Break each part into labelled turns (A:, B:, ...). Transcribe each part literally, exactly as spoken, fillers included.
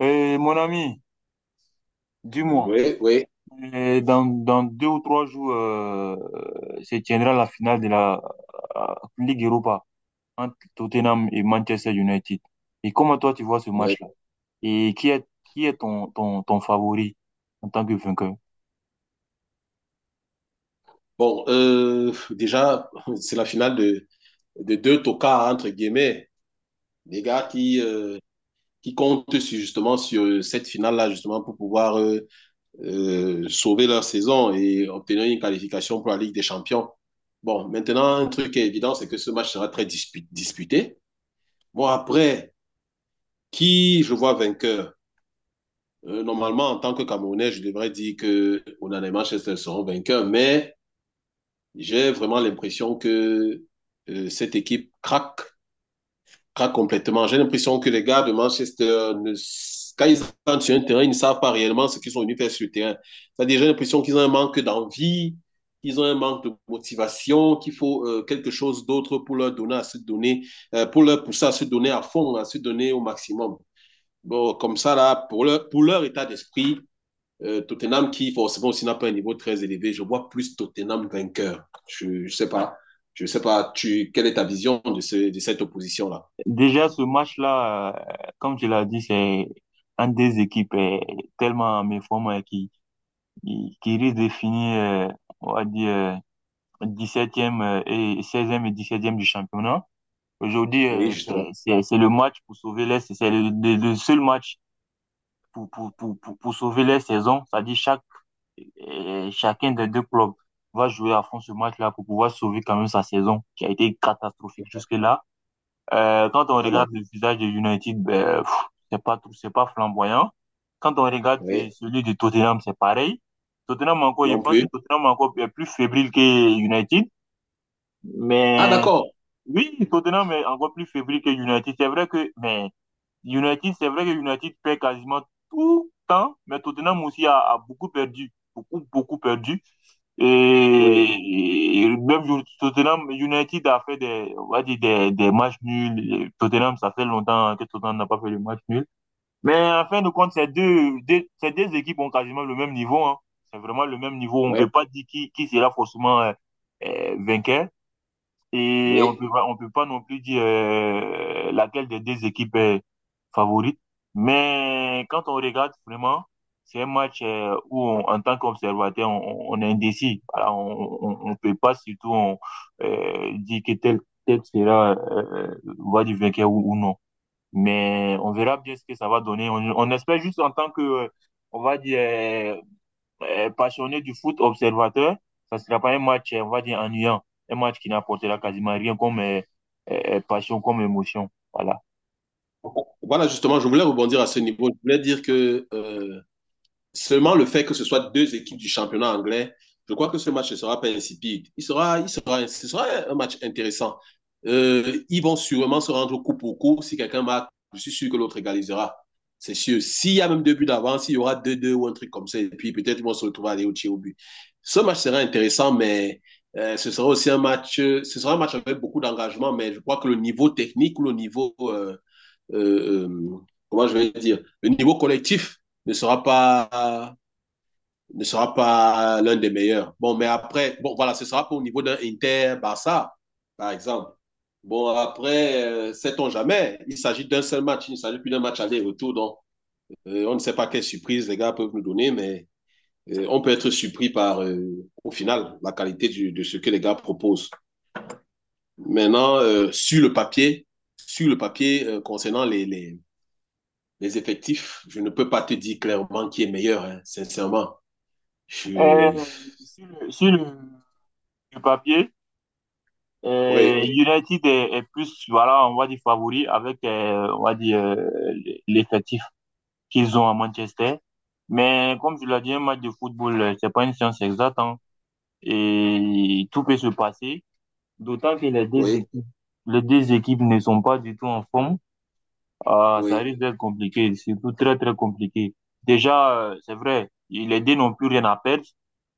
A: Et mon ami, dis-moi,
B: Oui, oui,
A: euh, dans, dans deux ou trois jours, euh, euh, se tiendra la finale de la euh, Ligue Europa entre Tottenham et Manchester United. Et comment toi tu vois ce
B: oui.
A: match-là? Et qui est, qui est ton, ton, ton favori en tant que vainqueur?
B: Bon, euh, déjà, c'est la finale de, de deux tocards, entre guillemets, des gars qui, euh, qui comptent sur- justement sur cette finale-là, justement, pour pouvoir euh, euh, sauver leur saison et obtenir une qualification pour la Ligue des Champions. Bon, maintenant, un truc qui est évident, c'est que ce match sera très dispu- disputé. Bon, après, qui je vois vainqueur? Euh, normalement, en tant que Camerounais, je devrais dire que Onana et Manchester seront vainqueurs, mais... J'ai vraiment l'impression que euh, cette équipe craque, craque complètement. J'ai l'impression que les gars de Manchester, ne, quand ils entrent sur un terrain, ils ne savent pas réellement ce qu'ils sont venus faire sur le terrain. C'est-à-dire, j'ai l'impression qu'ils ont un manque d'envie, qu'ils ont un manque de motivation, qu'il faut euh, quelque chose d'autre pour leur donner à se donner, euh, pour leur pousser à se donner à fond, à se donner au maximum. Bon, comme ça, là, pour leur, pour leur état d'esprit, euh, Tottenham qui forcément aussi n'a pas un niveau très élevé. Je vois plus Tottenham vainqueur. Je ne sais pas. Je sais pas. Tu, quelle est ta vision de, ce- de cette opposition-là?
A: Déjà, ce match-là, euh, comme tu l'as dit, c'est un des équipes euh, tellement en méforme euh, qui, qui, qui risque de finir, euh, on va dire, euh, dix-septième euh, et seizième et dix-septième du championnat. Aujourd'hui,
B: Oui,
A: euh,
B: justement.
A: c'est c'est- c'est le match pour sauver les, c'est c'est le, le- le seul match pour, pour, pour, pour, pour sauver les saisons. C'est-à-dire chaque, euh, chacun des deux clubs va jouer à fond ce match-là pour pouvoir sauver quand même sa saison qui a été catastrophique jusque-là. Euh, quand on
B: Vraiment.
A: regarde le visage de United, ben, pff, c'est pas tout, c'est pas flamboyant. Quand on regarde euh,
B: Oui.
A: celui de Tottenham, c'est pareil. Tottenham encore, je
B: Non
A: pense que
B: plus.
A: Tottenham encore est plus fébrile que United.
B: Ah,
A: Mais
B: d'accord.
A: oui, Tottenham est encore plus fébrile que United. C'est vrai que, mais United, c'est vrai que United perd quasiment tout le temps, mais Tottenham aussi a, a beaucoup perdu, beaucoup, beaucoup perdu.
B: Oui.
A: Et, et même Ju- Tottenham, United a fait des, on va dire des, des matchs nuls. Et Tottenham, ça fait longtemps que Tottenham n'a pas fait de match nul. Mais en fin de compte, ces deux, deux- ces deux équipes ont quasiment le même niveau, hein. C'est vraiment le même niveau. On
B: Oui,
A: peut pas dire qui, qui sera forcément euh, euh, vainqueur. Et on
B: oui.
A: peut pas, on peut pas non plus dire euh, laquelle des deux équipes est favorite. Mais quand on regarde vraiment, c'est un match euh, où, on- en tant qu'observateur, on, on est indécis. Voilà, on, on, on peut pas surtout on, euh, dire que tel, tel sera euh, voix du vainqueur ou, ou non. Mais on verra bien ce que ça va donner. On, on espère juste en tant que, euh, on va dire, euh, euh, passionné du foot observateur, ça ne sera pas un match, euh, on va dire, ennuyant. Un match qui n'apportera quasiment rien comme euh, euh, euh, passion, comme émotion. Voilà.
B: Voilà, justement, je voulais rebondir à ce niveau. Je voulais dire que euh, seulement le fait que ce soit deux équipes du championnat anglais, je crois que ce match ne sera pas insipide. Il sera, il sera, ce sera un match intéressant. Euh, ils vont sûrement se rendre coup pour coup. Si quelqu'un marque, je suis sûr que l'autre égalisera. C'est sûr. S'il y a même deux buts d'avance, il y aura deux deux ou un truc comme ça. Et puis peut-être ils vont se retrouver à aller au tir au but. Ce match sera intéressant, mais euh, ce sera aussi un match, euh, ce sera un match avec beaucoup d'engagement, mais je crois que le niveau technique ou le niveau, euh, euh, euh, comment je vais dire, le niveau collectif ne sera pas ne sera pas l'un des meilleurs. Bon, mais après, bon, voilà, ce sera pas au niveau d'un Inter-Barça, par exemple. Bon, après, euh, sait-on jamais. Il s'agit d'un seul match, il ne s'agit plus d'un match aller-retour. Donc, euh, on ne sait pas quelle surprise les gars peuvent nous donner, mais euh, on peut être surpris par, euh, au final, la qualité du, de ce que les gars proposent. Maintenant, euh, sur le papier, sur le papier euh, concernant les, les, les, effectifs, je ne peux pas te dire clairement qui est meilleur, hein, sincèrement. Je...
A: Euh, sur le, sur le- le papier, Euh,
B: Oui,
A: United est, est plus, voilà, on va dire favori avec, euh, on va dire, euh, l'effectif qu'ils ont à Manchester. Mais comme je l'ai dit, un match de football, euh, c'est pas une science exacte, hein. Et tout peut se passer. D'autant que les deux
B: oui.
A: équipes, les deux équipes ne sont pas du tout en forme. Ah, ça
B: Oui,
A: risque d'être compliqué, surtout très très compliqué. Déjà, euh, c'est vrai, les deux n'ont plus rien à perdre.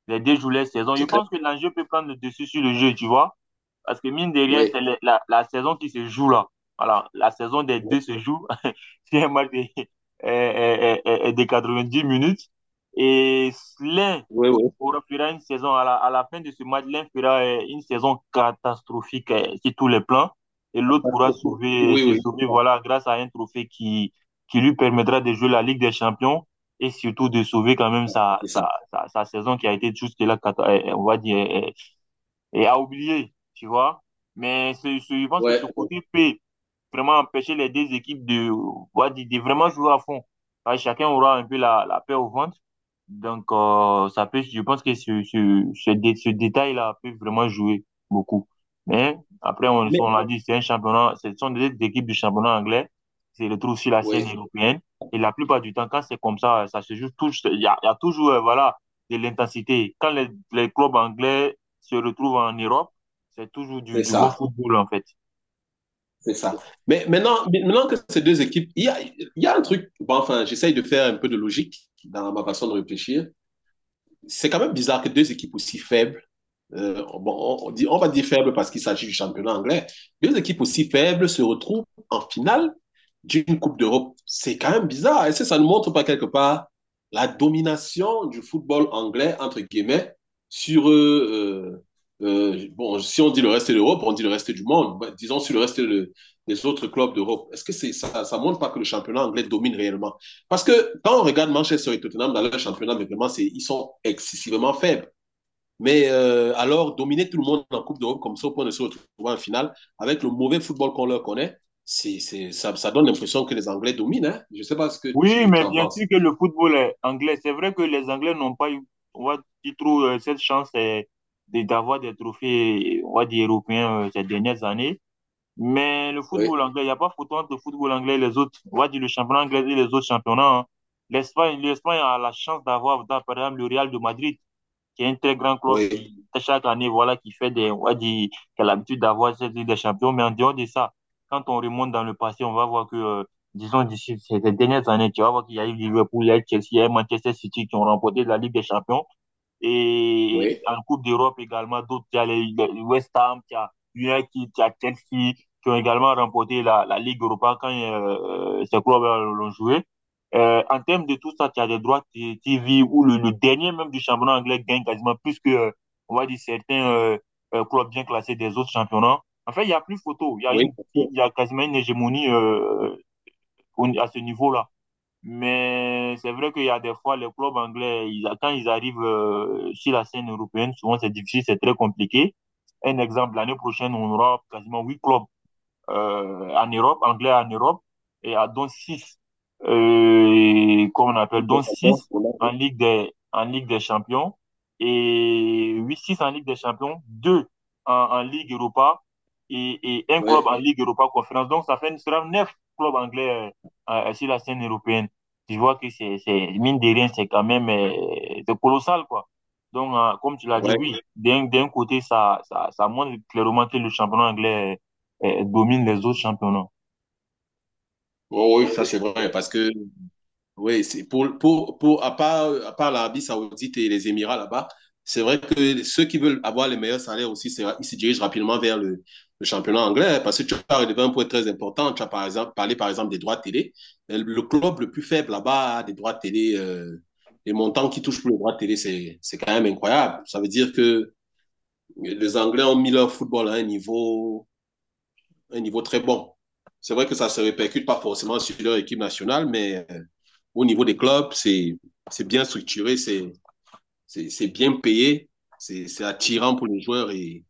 A: Les deux jouent leur saison. Je
B: c'est clair.
A: pense que l'enjeu peut prendre le dessus sur le jeu, tu vois. Parce que mine de rien, c'est
B: Oui,
A: la, la- la saison qui se joue là. Voilà, la saison des deux se joue. C'est un match de, euh, euh, euh, euh, euh, de dix minutes. Et l'un
B: oui, oui.
A: aura- fera une saison, à la, à la fin de ce match, l'un fera euh, une saison catastrophique euh, sur tous les plans. Et l'autre pourra sauver,
B: Oui,
A: se
B: oui, c'est
A: sauver,
B: ça.
A: voilà, grâce à un trophée qui, qui lui permettra de jouer la Ligue des Champions et surtout de sauver quand même sa,
B: C'est ça.
A: sa, sa, sa saison qui a été jusque-là, cata- euh, on va dire, euh, et à oublier, tu vois. Mais c'est- c'est- je pense que
B: Ouais,
A: ce
B: ouais.
A: côté peut vraiment empêcher les deux équipes de, on va dire, de vraiment jouer à fond. Parce que chacun aura un peu la, la paix au ventre. Donc, euh, ça peut, je pense que ce, ce, ce, dé- ce détail-là peut vraiment jouer beaucoup. Mais après, on,
B: Mais,
A: on l'a dit, c'est un championnat, ce sont des équipes du championnat anglais, c'est le retrouve sur la scène
B: oui,
A: européenne. Et la plupart du temps, quand c'est comme ça, ça se joue tout, il y a, il y a toujours, euh, voilà, de l'intensité. Quand les, les clubs anglais se retrouve en Europe, c'est toujours du,
B: c'est
A: du bon
B: ça.
A: football, en fait.
B: C'est ça. Mais maintenant, maintenant que ces deux équipes, il y a, il y a un truc, bon, enfin, j'essaye de faire un peu de logique dans ma façon de réfléchir. C'est quand même bizarre que deux équipes aussi faibles Euh, bon, on dit, on va dire faible parce qu'il s'agit du championnat anglais. Deux équipes aussi faibles se retrouvent en finale d'une Coupe d'Europe. C'est quand même bizarre. Est-ce que ça ne montre pas quelque part la domination du football anglais, entre guillemets, sur, euh, euh, euh, bon, si on dit le reste de l'Europe, on dit le reste du monde, bah, disons sur le reste de- des autres clubs d'Europe. Est-ce que c'est, ça, ça montre pas que le championnat anglais domine réellement? Parce que quand on regarde Manchester et Tottenham dans leur championnat, mais vraiment, c'est, ils sont excessivement faibles. Mais euh, alors, dominer tout le monde en Coupe d'Europe, comme ça, au point de se retrouver en finale, avec le mauvais football qu'on leur connaît, c'est, c'est, ça, ça donne l'impression que les Anglais dominent. Hein. Je ne sais pas ce que
A: Oui,
B: tu
A: mais
B: t'en
A: bien sûr
B: penses.
A: que le football est anglais. C'est vrai que les Anglais n'ont pas eu, on va dire, trop, euh, cette chance euh, de- d'avoir des trophées, on va dire, européens euh, ces dernières années. Mais le
B: Oui,
A: football anglais, il n'y a pas photo entre le football anglais et les autres, on va dire, le championnat anglais et les autres championnats. Hein. L'Espagne, l'Espagne a la chance d'avoir, d'avoir, par exemple, le Real de Madrid. Qui est un très grand club
B: oui,
A: qui, chaque année, voilà, qui fait des, on va dire, qui a l'habitude d'avoir cette Ligue des Champions. Mais en dehors de ça, quand on remonte dans le passé, on va voir que, euh, disons, d'ici ces dernières années, tu vas voir qu'il y a eu Liverpool, il y a eu Chelsea, il y a eu Manchester City qui ont remporté la Ligue des Champions. Et
B: oui,
A: en Coupe d'Europe également, d'autres, il y a les, les West Ham, il y a United, il y a Chelsea, qui ont également remporté la, la Ligue Europa quand euh, euh, ces clubs l'ont joué. Euh, en termes de tout ça, il y a des droits T V où le, le, dernier même du championnat anglais gagne quasiment plus que, euh, on va dire, certains euh, euh, clubs bien classés des autres championnats. En fait, il n'y a plus photo. Il y a,
B: oui,
A: une,
B: bien sûr.
A: il y a quasiment une hégémonie euh, à ce niveau-là. Mais c'est vrai qu'il y a des fois, les clubs anglais, ils, quand ils arrivent euh, sur la scène européenne, souvent c'est difficile, c'est très compliqué. Un exemple, l'année prochaine, on aura quasiment huit clubs euh, en Europe, anglais en Europe, et à dont six euh, comment on appelle, dont six en Ligue des, en Ligue des Champions, et huit six en Ligue des Champions, deux en, en Ligue Europa, et, et un club
B: Oui,
A: en Ligue Europa Conférence. Donc, ça fait sera neuf clubs anglais euh, euh, sur la scène européenne. Tu vois que c'est, c'est mine de rien, c'est quand même euh, c'est colossal, quoi. Donc, euh, comme tu l'as dit,
B: oui,
A: oui, d'un, d'un côté, ça, ça, ça montre clairement que le championnat anglais euh, domine les autres championnats.
B: oui, oui, ça c'est vrai, parce que oui, c'est pour, pour, pour, à part, à part l'Arabie Saoudite et les Émirats là-bas, c'est vrai que ceux qui veulent avoir les meilleurs salaires aussi, c'est- ils se dirigent rapidement vers le, le championnat anglais hein, parce que tu as relevé un point très important. Tu as par exemple, parlé par exemple des droits de télé. Euh, Le club le plus faible là-bas a des droits de télé. Euh, les montants qui touchent pour les droits de télé, c'est, c'est quand même incroyable. Ça veut dire que les Anglais ont mis leur football à un niveau, un niveau très bon. C'est vrai que ça se répercute pas forcément sur leur équipe nationale, mais euh, au niveau des clubs, c'est bien structuré, c'est bien payé, c'est attirant pour les joueurs. Et,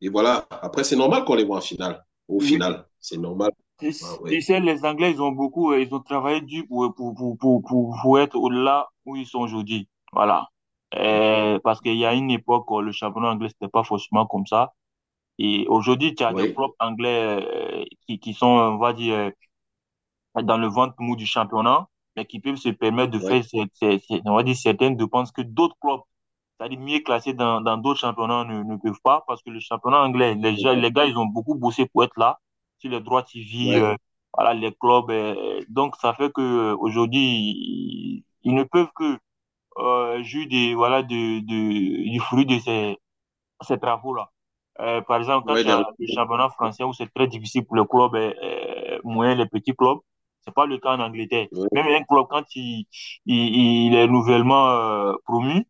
B: et voilà, après, c'est normal qu'on les voit en finale. Au
A: Oui.
B: final, c'est normal.
A: Tu
B: Ah, oui,
A: sais, les Anglais, ils ont beaucoup, euh, ils ont travaillé dur pour, pour, pour, pour, pour, pour être au delà où ils sont aujourd'hui. Voilà. Euh, parce qu'il y a une époque où le championnat anglais, c'était pas forcément comme ça. Et aujourd'hui, tu as des
B: oui,
A: propres Anglais euh, qui, qui sont, on va dire, euh, dans le ventre mou du championnat, mais qui peuvent se permettre de
B: oui,
A: faire, ces- ces- ces- on va dire, certaines dépenses que d'autres clubs c'est-à-dire mieux classés dans, dans d'autres championnats ne, ne peuvent pas parce que le championnat anglais, les, gens- les gars, ils ont beaucoup bossé pour être là sur les droits T V,
B: oui,
A: euh, voilà, les clubs. euh, donc, ça fait que euh, aujourd'hui, ils, ils ne peuvent que euh, jouer des, voilà, de, de, du fruit de ces, ces travaux-là. Euh, par exemple, quand
B: oui,
A: tu
B: des
A: as le championnat français où c'est très difficile pour les clubs euh, euh, moyens, les petits clubs, c'est pas le cas en Angleterre.
B: oui,
A: Même un club, quand il, il, il est nouvellement euh, promu,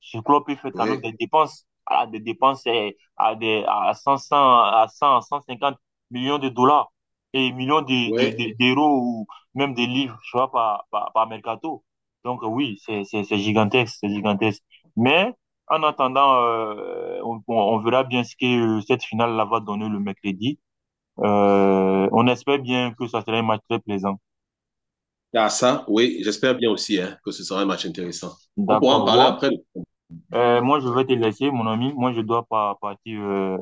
A: ce club peut faire quand même
B: oui,
A: des dépenses, à des dépenses eh, à des à cent cent à cent cent cinquante millions de dollars et millions de, de-
B: oui.
A: de- d'euros ou même des livres, tu vois, par, par, par mercato. Donc euh, oui, c'est, c'est, c'est gigantesque, c'est gigantesque. Mais en attendant, euh, on, on- on verra bien ce que euh, cette finale-là va donner le mercredi. Euh, on espère bien que ça sera un match très plaisant.
B: Ah, ça, oui, j'espère bien aussi hein, que ce sera un match intéressant. On pourra en
A: D'accord,
B: parler
A: bon.
B: après.
A: Euh, moi, je
B: Ouais.
A: vais te laisser, mon ami. Moi, je dois pas partir euh,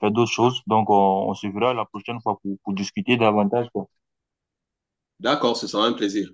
A: faire d'autres choses. Donc, on, on se verra la prochaine fois pour, pour discuter davantage, quoi.
B: D'accord, ce sera un plaisir.